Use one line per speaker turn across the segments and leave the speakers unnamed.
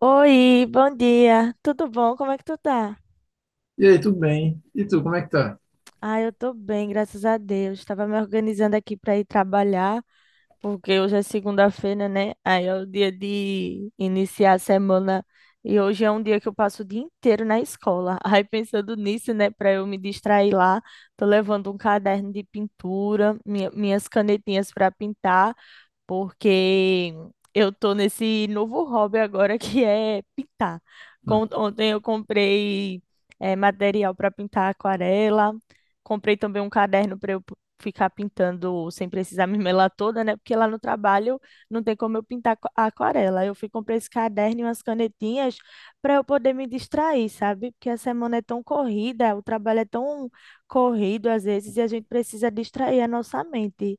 Oi, bom dia. Tudo bom? Como é que tu tá?
E aí, tudo bem? E tu, como é que tá?
Ah, eu tô bem, graças a Deus. Tava me organizando aqui pra ir trabalhar, porque hoje é segunda-feira, né? Aí é o dia de iniciar a semana e hoje é um dia que eu passo o dia inteiro na escola. Aí pensando nisso, né, pra eu me distrair lá, tô levando um caderno de pintura, minhas canetinhas pra pintar. Porque eu tô nesse novo hobby agora, que é pintar.
Hum.
Ontem eu comprei material para pintar aquarela, comprei também um caderno para eu ficar pintando sem precisar me melar toda, né? Porque lá no trabalho não tem como eu pintar aquarela. Eu fui comprei esse caderno e umas canetinhas para eu poder me distrair, sabe? Porque a semana é tão corrida, o trabalho é tão corrido às vezes e a gente precisa distrair a nossa mente.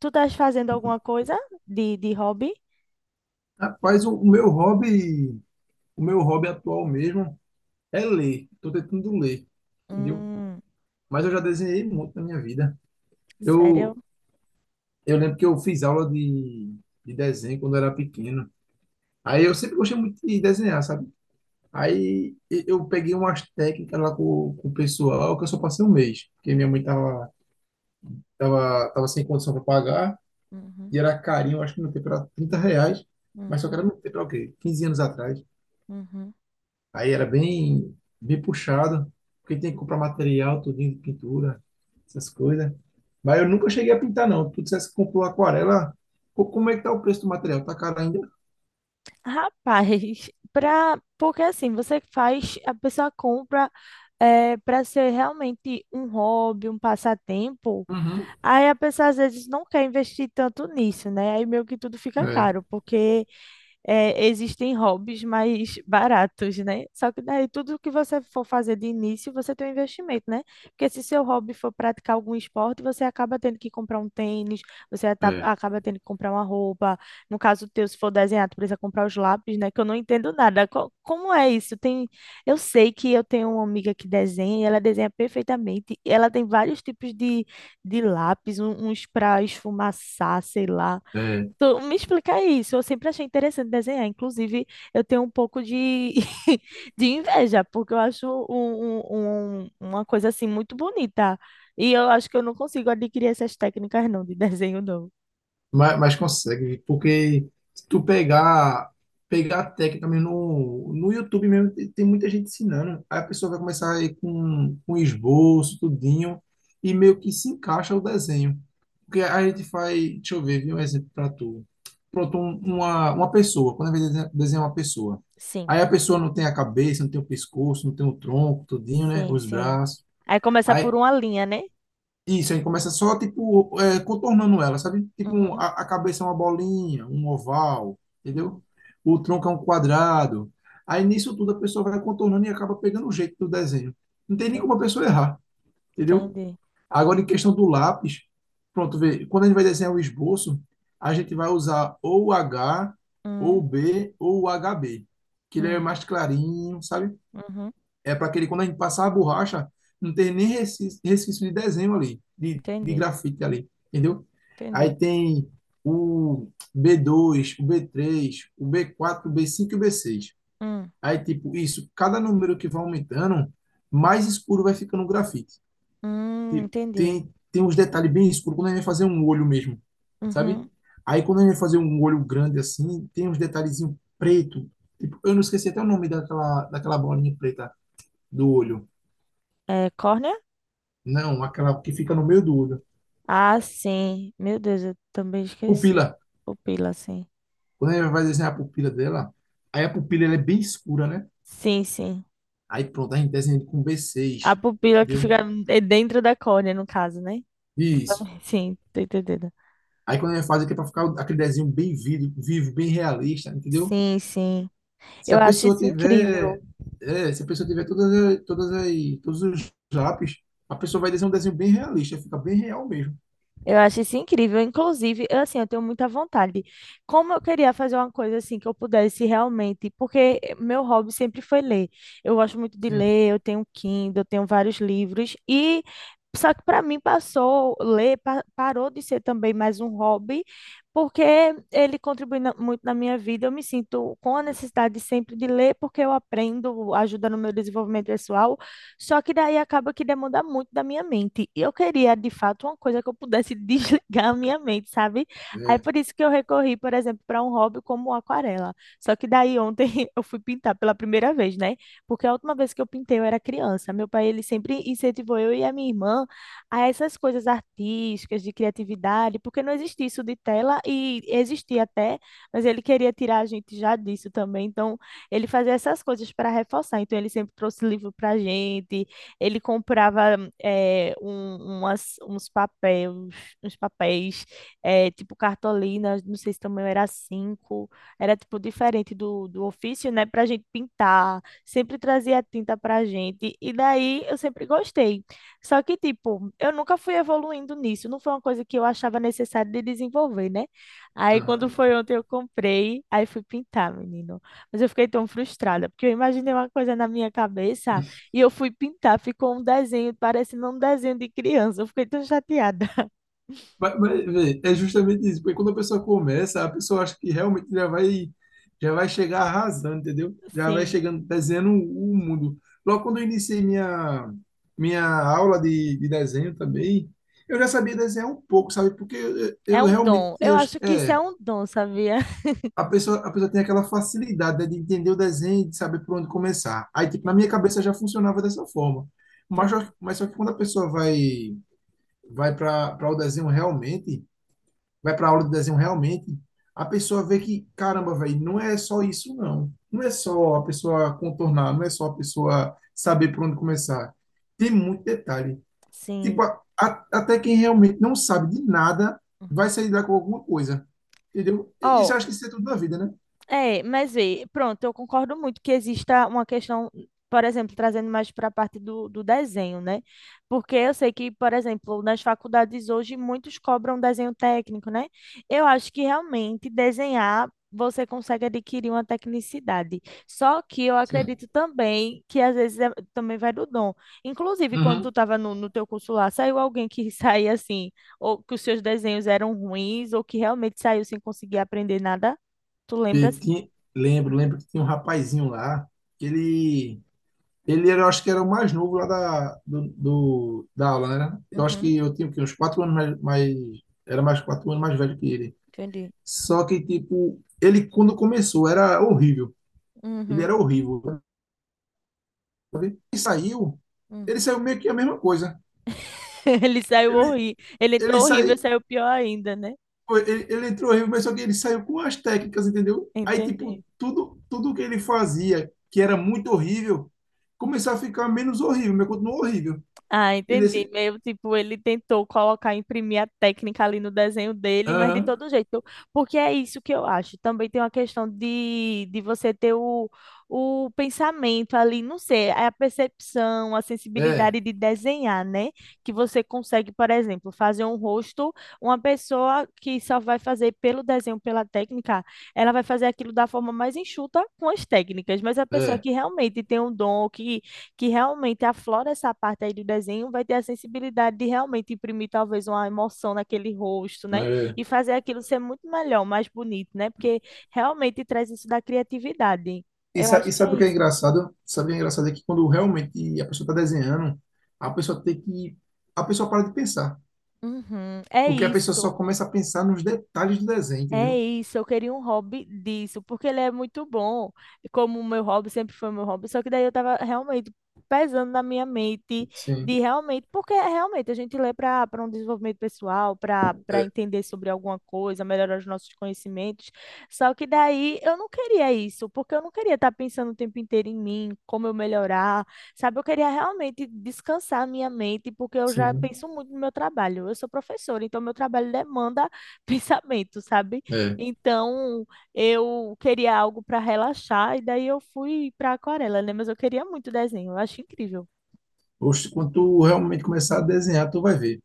Tu estás fazendo alguma coisa de hobby?
Rapaz, o meu hobby, o meu hobby atual mesmo é ler. Tô tentando ler, entendeu?
Hum,
Mas eu já desenhei muito na minha vida.
sério?
Eu, eu lembro que eu fiz aula de desenho quando eu era pequeno. Aí eu sempre gostei muito de desenhar, sabe? Aí eu peguei umas técnicas lá com o pessoal, que eu só passei um mês, porque minha mãe tava, tava sem condição para pagar,
Uhum,
e era carinho, acho que no tempo era 30 reais, mas
hum,
só que era no tempo, era o quê? 15 anos atrás.
uhum.
Aí era bem, bem puxado, porque tem que comprar material, tudinho de pintura, essas coisas. Mas eu nunca cheguei a pintar, não. Tu dissesse que comprou aquarela. Pô, como é que tá o preço do material? Tá caro ainda?
Rapaz, porque assim, a pessoa compra é, para ser realmente um hobby, um passatempo.
Uhum.
Aí a pessoa às vezes não quer investir tanto nisso, né? Aí meio que tudo fica
É,
caro, porque é, existem hobbies mais baratos, né? Só que daí tudo que você for fazer de início, você tem um investimento, né? Porque se seu hobby for praticar algum esporte, você acaba tendo que comprar um tênis, você
é,
acaba tendo que comprar uma roupa. No caso teu, se for desenhar, tu precisa comprar os lápis, né? Que eu não entendo nada. Como é isso? Tem. Eu sei que eu tenho uma amiga que desenha e ela desenha perfeitamente. Ela tem vários tipos de lápis, uns para esfumaçar, sei lá.
é.
Tu me explica isso. Eu sempre achei interessante desenhar. Inclusive, eu tenho um pouco de inveja, porque eu acho uma coisa assim muito bonita. E eu acho que eu não consigo adquirir essas técnicas não de desenho, não.
Mas consegue, porque se tu pegar, pegar a técnica mesmo no, no YouTube mesmo, tem, tem muita gente ensinando. Aí a pessoa vai começar aí com esboço, tudinho, e meio que se encaixa o desenho. Porque a gente faz, deixa eu ver, vi um exemplo para tu. Pronto, uma pessoa, quando a gente desenha desenha uma pessoa.
Sim,
Aí a pessoa não tem a cabeça, não tem o pescoço, não tem o tronco, tudinho, né?
sim,
Os
sim.
braços.
Aí começa por
Aí
uma linha, né?
isso, aí começa só, tipo, é, contornando ela, sabe? Tipo,
Uhum,
a cabeça é uma bolinha, um oval,
uhum.
entendeu? O tronco é um quadrado. Aí nisso tudo a pessoa vai contornando e acaba pegando o jeito do desenho. Não tem nem como a
Entendi.
pessoa errar, entendeu?
Entendi.
Agora, em questão do lápis, pronto, vê, quando a gente vai desenhar o esboço, a gente vai usar ou o H, ou o
Uhum,
B, ou o H b, que ele é
uhum,
mais clarinho, sabe?
uhum.
É para aquele, quando a gente passar a borracha, não ter nem resquício, resquício de desenho ali, de
Entendi.
grafite ali, entendeu?
Entendi.
Aí tem o B2, o B3, o B4, o B5 e o B6.
Hum,
Aí, tipo, isso, cada número que vai aumentando, mais escuro vai ficando o grafite. Tipo,
entendi.
tem, tem uns detalhes bem escuros, quando a gente vai fazer um olho mesmo, sabe?
Uhum.
Aí, quando a gente vai fazer um olho grande assim, tem uns detalhezinhos preto. Tipo, eu não esqueci até o nome daquela, daquela bolinha preta do olho.
É, córnea?
Não, aquela que fica no meio do olho.
Ah, sim. Meu Deus, eu também esqueci.
Pupila.
Pupila, sim.
Quando a gente vai desenhar a pupila dela, aí a pupila ela é bem escura, né?
Sim, sim.
Aí pronto, a gente desenha com
A
B6,
pupila que
entendeu?
fica é dentro da córnea, no caso, né?
Isso.
Sim, tô entendendo.
Aí quando a gente faz aqui é para ficar aquele desenho bem vivo, vivo, bem realista, entendeu?
Sim, sim.
Se
Eu
a
acho
pessoa
isso
tiver,
incrível.
é, se a pessoa tiver todas, todas as, todos os lápis, a pessoa vai desenhar um desenho bem realista, fica bem real mesmo.
Eu acho isso incrível. Inclusive, eu, assim, eu tenho muita vontade. Como eu queria fazer uma coisa assim que eu pudesse realmente, porque meu hobby sempre foi ler. Eu gosto muito de
Sim.
ler, eu tenho um Kindle, eu tenho vários livros e só que para mim passou ler parou de ser também mais um hobby, porque ele contribui muito na minha vida. Eu me sinto com a necessidade sempre de ler porque eu aprendo, ajuda no meu desenvolvimento pessoal. Só que daí acaba que demanda muito da minha mente. E eu queria, de fato, uma coisa que eu pudesse desligar a minha mente, sabe? Aí
É.
por isso que eu recorri, por exemplo, para um hobby como aquarela. Só que daí ontem eu fui pintar pela primeira vez, né? Porque a última vez que eu pintei eu era criança. Meu pai, ele sempre incentivou eu e a minha irmã a essas coisas artísticas, de criatividade, porque não existia isso de tela e existia até, mas ele queria tirar a gente já disso também. Então, ele fazia essas coisas para reforçar. Então, ele sempre trouxe livro para a gente, ele comprava eh, um- umas- uns papéis, uns papéis tipo cartolina, não sei se também era cinco, era tipo diferente do ofício, né? Para a gente pintar, sempre trazia tinta para a gente. E daí eu sempre gostei. Só que, tipo, eu nunca fui evoluindo nisso, não foi uma coisa que eu achava necessário de desenvolver, né? Aí,
Aham.
quando foi ontem, eu comprei, aí fui pintar, menino. Mas eu fiquei tão frustrada, porque eu imaginei uma coisa na minha cabeça e eu fui pintar, ficou um desenho parecendo um desenho de criança. Eu fiquei tão chateada.
Mas, vê, é justamente isso, porque quando a pessoa começa, a pessoa acha que realmente já vai chegar arrasando, entendeu? Já vai
Sim,
chegando, desenhando o mundo. Logo quando eu iniciei minha, minha aula de desenho também, eu já sabia desenhar um pouco, sabe? Porque eu,
é
eu
um
realmente,
dom. Eu acho que isso é
é,
um dom, sabia?
a pessoa tem aquela facilidade, né, de entender o desenho e de saber por onde começar. Aí, tipo, na minha
Sim,
cabeça já funcionava dessa forma.
entendi.
Mas só que quando a pessoa vai, vai para o desenho realmente, vai para aula de desenho realmente, a pessoa vê que, caramba, velho, não é só isso, não. Não é só a pessoa contornar, não é só a pessoa saber por onde começar. Tem muito detalhe. Tipo,
Sim.
até quem realmente não sabe de nada vai
Uhum.
sair daqui com alguma coisa. Entendeu? Isso eu
Ó,
acho que isso é tudo na vida, né?
é, mas vê, pronto, eu concordo muito que exista uma questão, por exemplo, trazendo mais para a parte do desenho, né? Porque eu sei que, por exemplo, nas faculdades hoje muitos cobram desenho técnico, né? Eu acho que realmente desenhar você consegue adquirir uma tecnicidade. Só que eu
Sim.
acredito também que às vezes também vai do dom. Inclusive, quando tu
Uhum.
estava no teu curso lá, saiu alguém que saía assim, ou que os seus desenhos eram ruins, ou que realmente saiu sem conseguir aprender nada? Tu
E
lembra?
tinha- lembro, lembro que tinha um rapazinho lá, que ele. Ele era, eu acho que era o mais novo lá da, da aula, né? Né? Eu acho
Uhum,
que eu tinha o quê? Uns 4 anos mais, era mais 4 anos mais velho que ele.
entendi.
Só que, tipo, ele quando começou era horrível. Ele
Uhum,
era horrível. Sabe?
hum.
Ele saiu meio que a mesma coisa.
Ele saiu
Ele,
horrível. Ele
ele
entrou horrível e
saiu,
saiu pior ainda, né?
ele, ele entrou horrível, mas só que ele saiu com as técnicas, entendeu? Aí, tipo,
Entendi.
tudo, tudo que ele fazia, que era muito horrível, começou a ficar menos horrível, mas continuou horrível.
Ah,
E
entendi.
desse,
Meio tipo, ele tentou colocar, imprimir a técnica ali no desenho dele, mas de
aham,
todo jeito. Porque é isso que eu acho. Também tem uma questão de você ter o pensamento ali, não sei, é a percepção, a
é,
sensibilidade de desenhar, né? Que você consegue, por exemplo, fazer um rosto, uma pessoa que só vai fazer pelo desenho, pela técnica, ela vai fazer aquilo da forma mais enxuta com as técnicas, mas a pessoa
é.
que realmente tem um dom, que realmente aflora essa parte aí do desenho, vai ter a sensibilidade de realmente imprimir talvez uma emoção naquele rosto, né?
É,
E fazer aquilo ser muito melhor, mais bonito, né? Porque realmente traz isso da criatividade.
e,
Eu
e
acho que
sabe
é
o que é
isso.
engraçado? Sabe o que é engraçado é que quando realmente a pessoa está desenhando, a pessoa tem que. A pessoa para de pensar.
Uhum, é
Porque a pessoa só
isso.
começa a pensar nos detalhes do desenho,
É
entendeu?
isso, eu queria um hobby disso, porque ele é muito bom, e como o meu hobby sempre foi meu hobby, só que daí eu tava realmente pesando na minha mente
Sim,
de realmente, porque é realmente a gente lê para um desenvolvimento pessoal, para
é,
entender sobre alguma coisa, melhorar os nossos conhecimentos. Só que daí eu não queria isso, porque eu não queria estar pensando o tempo inteiro em mim, como eu melhorar, sabe? Eu queria realmente descansar a minha mente, porque eu já
sim,
penso muito no meu trabalho. Eu sou professora, então meu trabalho demanda pensamento, sabe?
é.
Então, eu queria algo para relaxar e daí eu fui para aquarela, né? Mas eu queria muito desenho, eu acho incrível
Oxe, quando tu realmente começar a desenhar, tu vai ver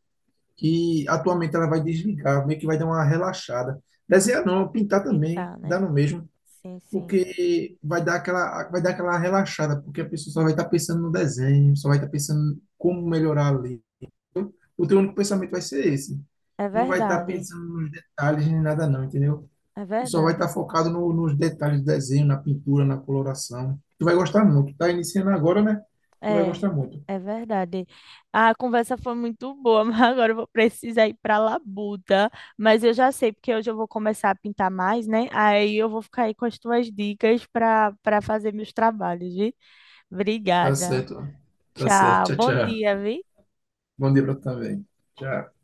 que a tua mente ela vai desligar, meio que vai dar uma relaxada. Desenhar não, pintar também,
pintar,
dá
né?
no mesmo,
Sim, sim.
porque vai dar aquela relaxada, porque a pessoa só vai estar pensando no desenho, só vai estar pensando como melhorar ali. O teu único pensamento vai ser esse.
É
Não vai estar
verdade.
pensando nos detalhes nem nada não, entendeu?
É
Tu só vai
verdade.
estar focado nos detalhes do desenho, na pintura, na coloração. Tu vai gostar muito. Tá iniciando agora, né? Tu vai
É,
gostar muito.
é verdade. A conversa foi muito boa, mas agora eu vou precisar ir para labuta, mas eu já sei porque hoje eu vou começar a pintar mais, né? Aí eu vou ficar aí com as tuas dicas para fazer meus trabalhos, viu?
Tá
Obrigada.
certo. Tá
Tchau.
certo. Tchau,
Bom
tchau.
dia, viu?
Bom dia pra tu também. Tchau.